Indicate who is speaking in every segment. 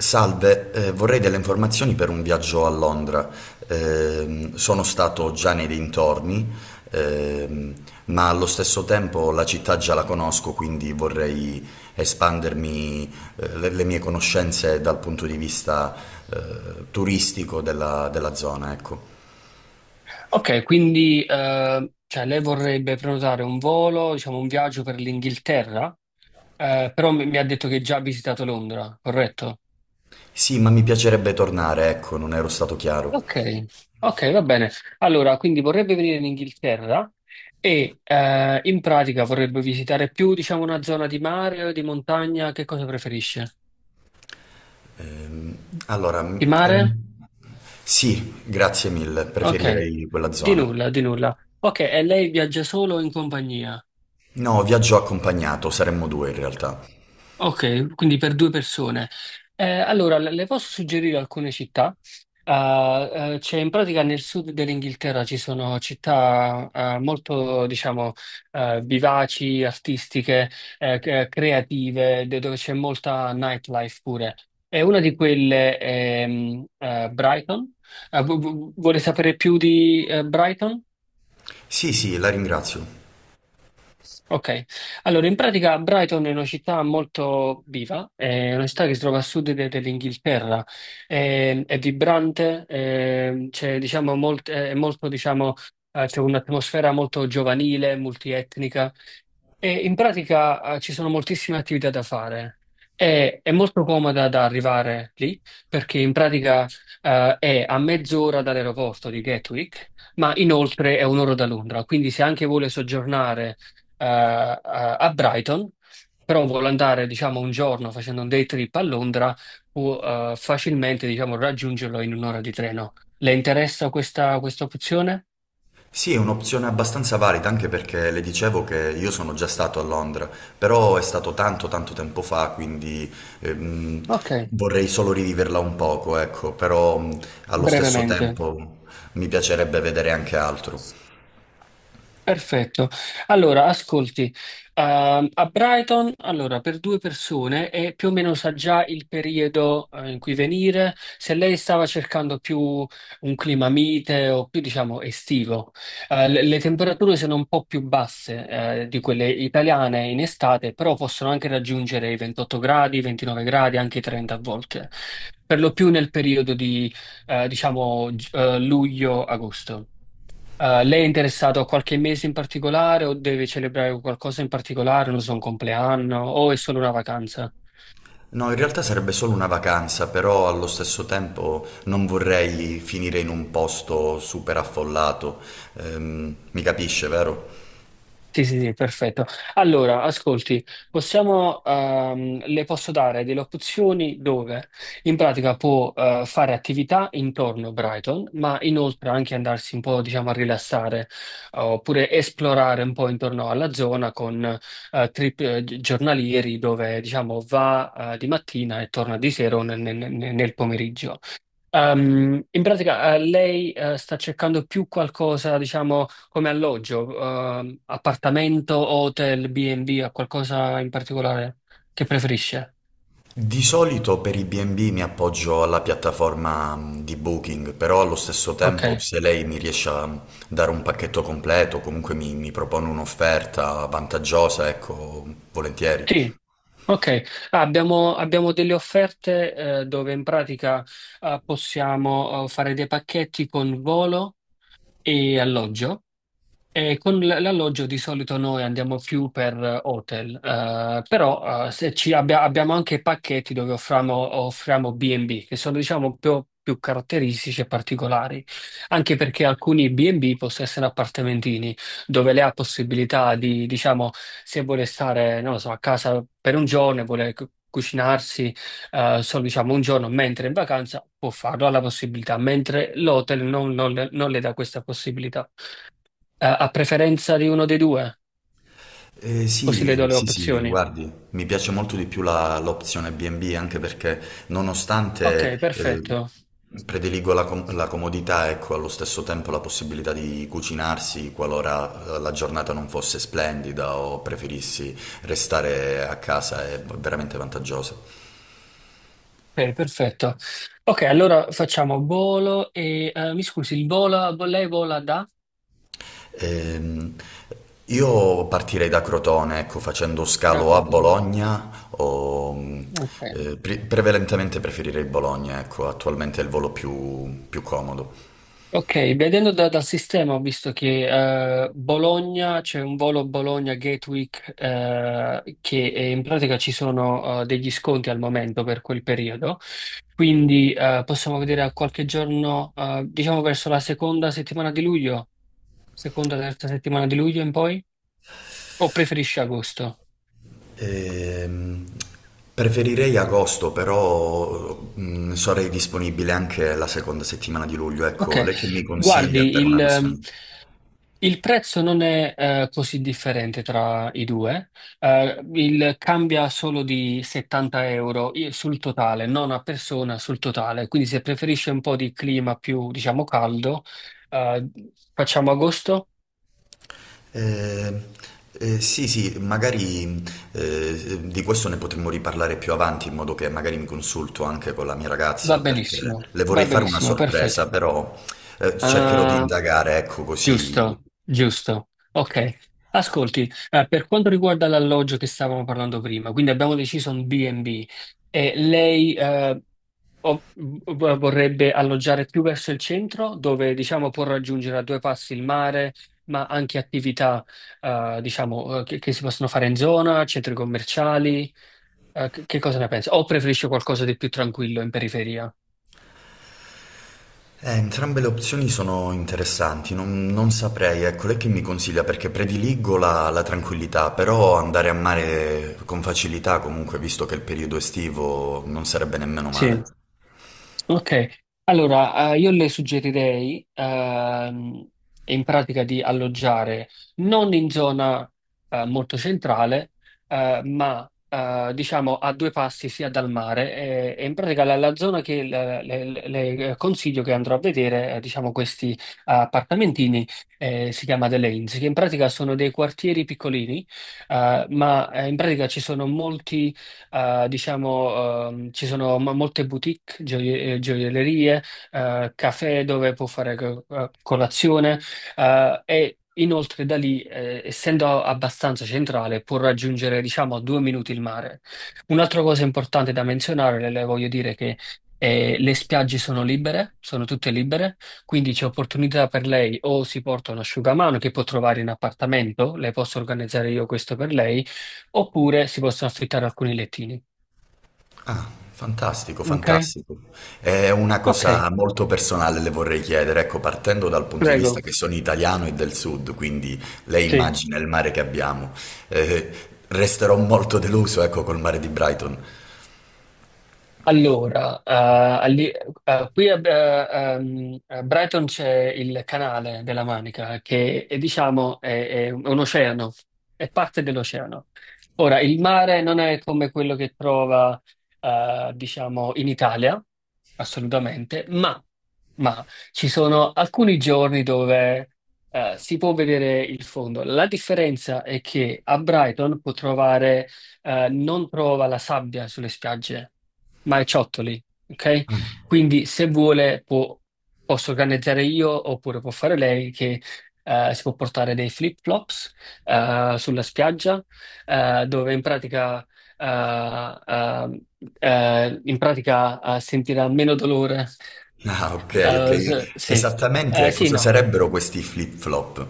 Speaker 1: Salve, vorrei delle informazioni per un viaggio a Londra. Sono stato già nei dintorni, ehm, ma allo stesso tempo la città già la conosco, quindi vorrei espandermi, le mie conoscenze dal punto di vista, turistico della zona, ecco.
Speaker 2: Ok, quindi cioè, lei vorrebbe prenotare un volo, diciamo un viaggio per l'Inghilterra, però mi ha detto che già ha visitato Londra, corretto?
Speaker 1: Sì, ma mi piacerebbe tornare, ecco, non ero stato chiaro.
Speaker 2: Ok, ok, va bene. Allora, quindi vorrebbe venire in Inghilterra e in pratica vorrebbe visitare più, diciamo, una zona di mare o di montagna, che cosa preferisce?
Speaker 1: Ehm, allora,
Speaker 2: Di
Speaker 1: m-
Speaker 2: mare?
Speaker 1: eh, sì, grazie mille,
Speaker 2: Ok,
Speaker 1: preferirei quella
Speaker 2: di
Speaker 1: zona.
Speaker 2: nulla, di nulla. Ok, e lei viaggia solo o in compagnia?
Speaker 1: No, viaggio accompagnato, saremmo due in realtà.
Speaker 2: Ok, quindi per due persone. Allora, le posso suggerire alcune città. Eh, C'è in pratica nel sud dell'Inghilterra ci sono città molto, diciamo, vivaci, artistiche, creative, dove c'è molta nightlife pure. E una di quelle è Brighton. Vuole sapere più di Brighton?
Speaker 1: Sì, sì, la ringrazio.
Speaker 2: Ok, allora in pratica Brighton è una città molto viva, è una città che si trova a sud dell'Inghilterra, è vibrante, è, c'è diciamo, è molto, diciamo, c'è un'atmosfera molto giovanile, multietnica. E in pratica, ci sono moltissime attività da fare. È molto comoda da arrivare lì perché in pratica, è a mezz'ora dall'aeroporto di Gatwick, ma inoltre è un'ora da Londra. Quindi se anche vuole soggiornare eh, a a Brighton, però vuole andare, diciamo, un giorno facendo un day trip a Londra, può facilmente, diciamo, raggiungerlo in un'ora di treno. Le interessa questa, opzione?
Speaker 1: Sì, è un'opzione abbastanza valida anche perché le dicevo che io sono già stato a Londra, però è stato tanto tanto tempo fa, quindi ehm,
Speaker 2: Ok,
Speaker 1: vorrei solo riviverla un poco, ecco, però allo stesso
Speaker 2: brevemente.
Speaker 1: tempo mi piacerebbe vedere anche altro.
Speaker 2: Perfetto. Allora, ascolti, a Brighton, allora, per due persone e più o meno sa già il periodo, in cui venire. Se lei stava cercando più un clima mite o più, diciamo, estivo, le temperature sono un po' più basse, di quelle italiane in estate, però possono anche raggiungere i 28 gradi, 29 gradi, anche i 30 a volte, per lo più nel periodo di, diciamo, luglio-agosto. Lei è interessato a qualche mese in particolare o deve celebrare qualcosa in particolare, non so, un compleanno o è solo una vacanza?
Speaker 1: No, in realtà sarebbe solo una vacanza, però allo stesso tempo non vorrei finire in un posto super affollato. Mi capisce, vero?
Speaker 2: Sì, sì, sì, perfetto. Allora, ascolti, possiamo, le posso dare delle opzioni dove in pratica può fare attività intorno a Brighton, ma inoltre anche andarsi un po', diciamo, a rilassare oppure esplorare un po' intorno alla zona con trip giornalieri dove, diciamo, va di mattina e torna di sera o nel nel pomeriggio. In pratica, lei sta cercando più qualcosa, diciamo, come alloggio, appartamento, hotel, B&B, o qualcosa in particolare che preferisce?
Speaker 1: Di solito per i B&B mi appoggio alla piattaforma di Booking, però allo stesso tempo
Speaker 2: Ok.
Speaker 1: se lei mi riesce a dare un pacchetto completo, comunque mi propone un'offerta vantaggiosa, ecco, volentieri.
Speaker 2: Sì, ok. Ah, abbiamo, abbiamo delle offerte dove in pratica possiamo fare dei pacchetti con volo e alloggio. Con l'alloggio di solito noi andiamo più per hotel, però se ci abbiamo anche pacchetti dove offriamo, offriamo B&B, che sono diciamo più, più caratteristici e particolari, anche perché alcuni B&B possono essere appartamentini, dove lei ha possibilità di, diciamo, se vuole stare, non lo so, a casa per un giorno e vuole cucinarsi solo diciamo un giorno, mentre è in vacanza può farlo, ha la possibilità, mentre l'hotel non le non le dà questa possibilità. A preferenza di uno dei due? Così le
Speaker 1: Sì,
Speaker 2: do le
Speaker 1: sì, sì,
Speaker 2: opzioni.
Speaker 1: guardi, mi piace molto di più l'opzione B&B anche perché
Speaker 2: Ok,
Speaker 1: nonostante
Speaker 2: perfetto.
Speaker 1: prediligo la comodità, ecco, allo stesso tempo la possibilità di cucinarsi qualora la giornata non fosse splendida o preferissi restare a casa è veramente vantaggiosa.
Speaker 2: Ok, perfetto. Ok, allora facciamo volo e... mi scusi, il volo, lei vola da?
Speaker 1: Ehm, io partirei da Crotone, ecco, facendo
Speaker 2: Da
Speaker 1: scalo a
Speaker 2: Crotone.
Speaker 1: Bologna o
Speaker 2: Ok.
Speaker 1: prevalentemente preferirei Bologna, ecco, attualmente è il volo più, più comodo.
Speaker 2: Ok, vedendo dal sistema ho visto che Bologna, c'è un volo Bologna Gatwick che in pratica ci sono degli sconti al momento per quel periodo, quindi possiamo vedere a qualche giorno, diciamo verso la seconda settimana di luglio, seconda, terza settimana di luglio in poi, o preferisci agosto?
Speaker 1: Ehm, Preferirei agosto, però sarei disponibile anche la seconda settimana di luglio,
Speaker 2: Ok,
Speaker 1: ecco, lei che mi consiglia
Speaker 2: guardi
Speaker 1: per
Speaker 2: il...
Speaker 1: una questione?
Speaker 2: il prezzo non è così differente tra i due. Cambia solo di 70 euro sul totale, non a persona, sul totale. Quindi se preferisce un po' di clima più, diciamo, caldo, eh, facciamo agosto,
Speaker 1: Eh, sì, sì, magari di questo ne potremmo riparlare più avanti, in modo che magari mi consulto anche con la mia
Speaker 2: va
Speaker 1: ragazza, perché
Speaker 2: benissimo,
Speaker 1: le vorrei
Speaker 2: va
Speaker 1: fare una
Speaker 2: benissimo, perfetto.
Speaker 1: sorpresa, però cercherò di
Speaker 2: Eh,
Speaker 1: indagare, ecco così.
Speaker 2: Giusto, giusto. Ok. Ascolti, per quanto riguarda l'alloggio che stavamo parlando prima, quindi abbiamo deciso un B&B e B e lei... o vorrebbe alloggiare più verso il centro, dove diciamo può raggiungere a due passi il mare, ma anche attività diciamo, che si possono fare in zona, centri commerciali. Che cosa ne pensi? O preferisce qualcosa di più tranquillo in periferia?
Speaker 1: Entrambe le opzioni sono interessanti, non saprei, ecco, lei che mi consiglia, perché prediligo la tranquillità, però andare a mare con facilità comunque, visto che è il periodo estivo, non sarebbe nemmeno male.
Speaker 2: Sì. Ok, allora io le suggerirei in pratica di alloggiare non in zona molto centrale, ma diciamo a due passi sia dal mare. E in pratica la zona che le consiglio che andrò a vedere, diciamo questi appartamentini, si chiama The Lanes, che in pratica sono dei quartieri piccolini, ma in pratica ci sono molti diciamo, ci sono molte boutique gioiellerie, caffè dove può fare colazione, e inoltre da lì, essendo abbastanza centrale, può raggiungere, diciamo, a 2 minuti il mare. Un'altra cosa importante da menzionare, le voglio dire che le spiagge sono libere, sono tutte libere, quindi c'è opportunità per lei o si porta un asciugamano che può trovare in appartamento, le posso organizzare io questo per lei, oppure si possono affittare alcuni lettini.
Speaker 1: Fantastico,
Speaker 2: Ok?
Speaker 1: fantastico. È una
Speaker 2: Ok,
Speaker 1: cosa molto personale, le vorrei chiedere, ecco, partendo dal punto di vista
Speaker 2: prego.
Speaker 1: che sono italiano e del sud, quindi lei
Speaker 2: Sì.
Speaker 1: immagina il mare che abbiamo. Eh, Resterò molto deluso, ecco, col mare di Brighton.
Speaker 2: Allora, a Brighton c'è il canale della Manica, che è, diciamo è un oceano, è parte dell'oceano. Ora, il mare non è come quello che trova, diciamo, in Italia, assolutamente, ma ci sono alcuni giorni dove, si può vedere il fondo. La differenza è che a Brighton può trovare, non trova la sabbia sulle spiagge. Marciottoli, ok?
Speaker 1: Ah,
Speaker 2: Quindi se vuole posso organizzare io oppure può fare lei che si può portare dei flip-flops sulla spiaggia dove eh, eh, in pratica sentirà meno dolore.
Speaker 1: ah, ok, ok.
Speaker 2: Sì.
Speaker 1: Esattamente
Speaker 2: Sì,
Speaker 1: cosa
Speaker 2: no.
Speaker 1: sarebbero questi flip-flop?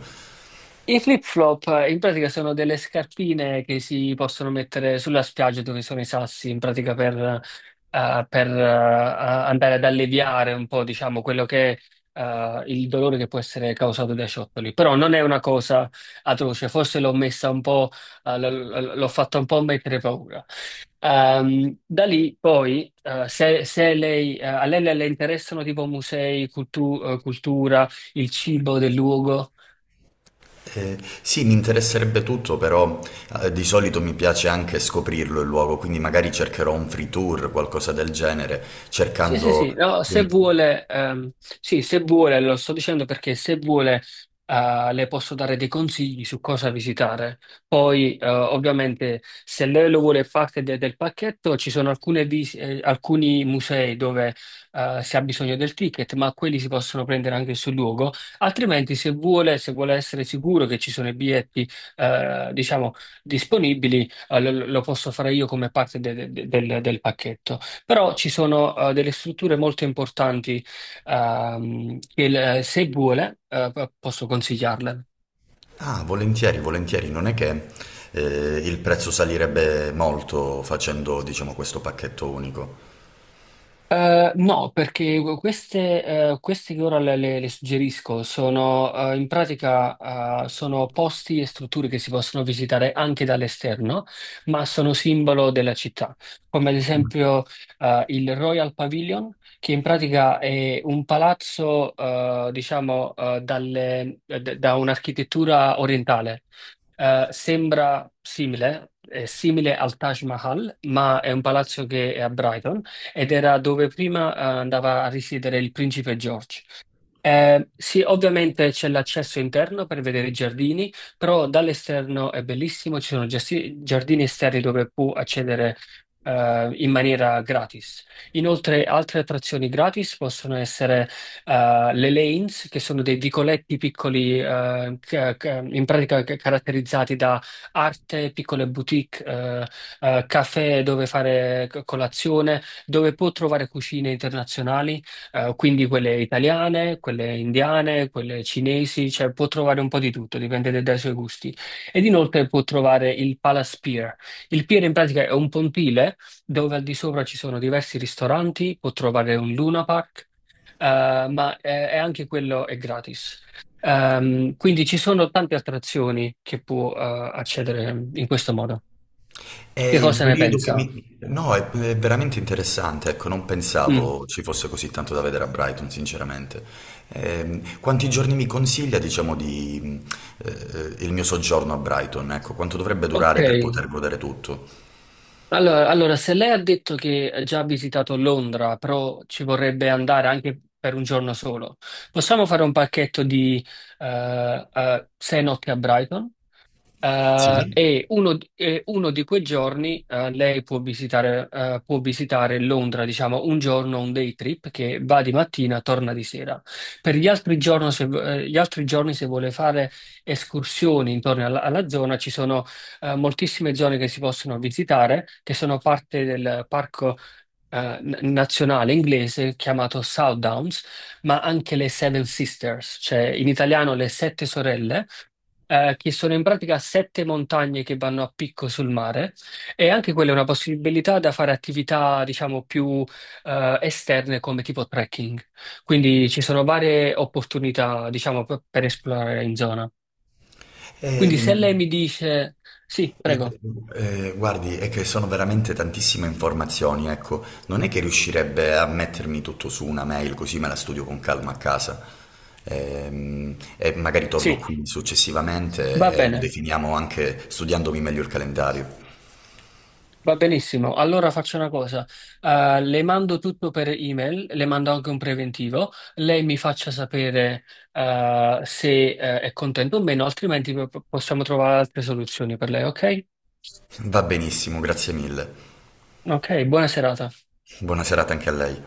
Speaker 2: I flip-flop in pratica sono delle scarpine che si possono mettere sulla spiaggia dove sono i sassi, in pratica per, andare ad alleviare un po', diciamo, quello che è, il dolore che può essere causato dai ciottoli. Però non è una cosa atroce, forse l'ho messa un po', eh, l- l'ho fatta un po' mettere paura. Da lì poi, se, se lei, a lei le interessano tipo musei, cultura, il cibo del luogo.
Speaker 1: Sì, mi interesserebbe tutto, però di solito mi piace anche scoprirlo il luogo, quindi magari cercherò un free tour, qualcosa del genere,
Speaker 2: Sì, sì,
Speaker 1: cercando...
Speaker 2: sì, no, se
Speaker 1: un-
Speaker 2: vuole, sì, se vuole, lo sto dicendo perché se vuole, le posso dare dei consigli su cosa visitare. Poi, ovviamente, se lei lo vuole parte del pacchetto, ci sono alcuni musei dove, si ha bisogno del ticket, ma quelli si possono prendere anche sul luogo. Altrimenti, se vuole, se vuole essere sicuro che ci sono i biglietti, diciamo, disponibili, lo posso fare io come parte del pacchetto. Però ci sono delle strutture molto importanti se vuole posso consigliarle.
Speaker 1: Ah, volentieri, volentieri, non è che il prezzo salirebbe molto facendo, diciamo, questo pacchetto unico.
Speaker 2: No, perché queste, queste che ora le suggerisco sono in pratica sono posti e strutture che si possono visitare anche dall'esterno, ma sono simbolo della città, come ad esempio il Royal Pavilion, che in pratica è un palazzo, diciamo, da un'architettura orientale. Sembra simile, è simile al Taj Mahal, ma è un palazzo che è a Brighton ed era dove prima andava a risiedere il principe George. Sì, ovviamente c'è l'accesso interno per vedere i giardini, però dall'esterno è bellissimo, ci sono giardini esterni dove puoi accedere in maniera gratis. Inoltre, altre attrazioni gratis possono essere le lanes, che sono dei vicoletti piccoli, in pratica caratterizzati da arte, piccole boutique, caffè dove fare colazione, dove puoi trovare cucine internazionali. Quindi quelle italiane, quelle indiane, quelle cinesi, cioè può trovare un po' di tutto, dipende dai suoi gusti. Ed inoltre può trovare il Palace Pier. Il pier in pratica è un pontile dove al di sopra ci sono diversi ristoranti, può trovare un Luna Park, ma è anche quello è gratis. Quindi ci sono tante attrazioni che può accedere in questo modo.
Speaker 1: È
Speaker 2: Che
Speaker 1: il
Speaker 2: cosa ne
Speaker 1: periodo che
Speaker 2: pensa?
Speaker 1: mi... No, è veramente interessante, ecco, non
Speaker 2: Mm.
Speaker 1: pensavo ci fosse così tanto da vedere a Brighton, sinceramente. Quanti giorni mi consiglia, diciamo, di, eh, il mio soggiorno a Brighton? Ecco, quanto dovrebbe
Speaker 2: Ok,
Speaker 1: durare per poter godere tutto?
Speaker 2: allora, allora, se lei ha detto che ha già visitato Londra, però ci vorrebbe andare anche per un giorno solo, possiamo fare un pacchetto di 6 notti a Brighton?
Speaker 1: Sì.
Speaker 2: E uno di quei giorni lei può visitare Londra, diciamo un giorno, un day trip che va di mattina, torna di sera. Per gli altri giorni, se, gli altri giorni, se vuole fare escursioni intorno alla zona, ci sono moltissime zone che si possono visitare, che sono parte del parco nazionale inglese chiamato Southdowns, ma anche le Seven Sisters, cioè in italiano le Sette Sorelle, che sono in pratica sette montagne che vanno a picco sul mare e anche quella è una possibilità da fare attività, diciamo, più esterne come tipo trekking. Quindi ci sono varie opportunità, diciamo, per esplorare in zona. Quindi se
Speaker 1: Ehm,
Speaker 2: lei mi dice sì,
Speaker 1: eh,
Speaker 2: prego,
Speaker 1: Guardi, è che sono veramente tantissime informazioni, ecco, non è che riuscirebbe a mettermi tutto su una mail così me la studio con calma a casa. E magari torno
Speaker 2: sì,
Speaker 1: qui
Speaker 2: va
Speaker 1: successivamente e lo
Speaker 2: bene.
Speaker 1: definiamo anche studiandomi meglio il calendario.
Speaker 2: Va benissimo, allora faccio una cosa, le mando tutto per email, le mando anche un preventivo, lei mi faccia sapere se è contento o meno, altrimenti possiamo trovare altre soluzioni per lei, ok?
Speaker 1: Va benissimo, grazie mille.
Speaker 2: Ok, buona serata.
Speaker 1: Buona serata anche a lei.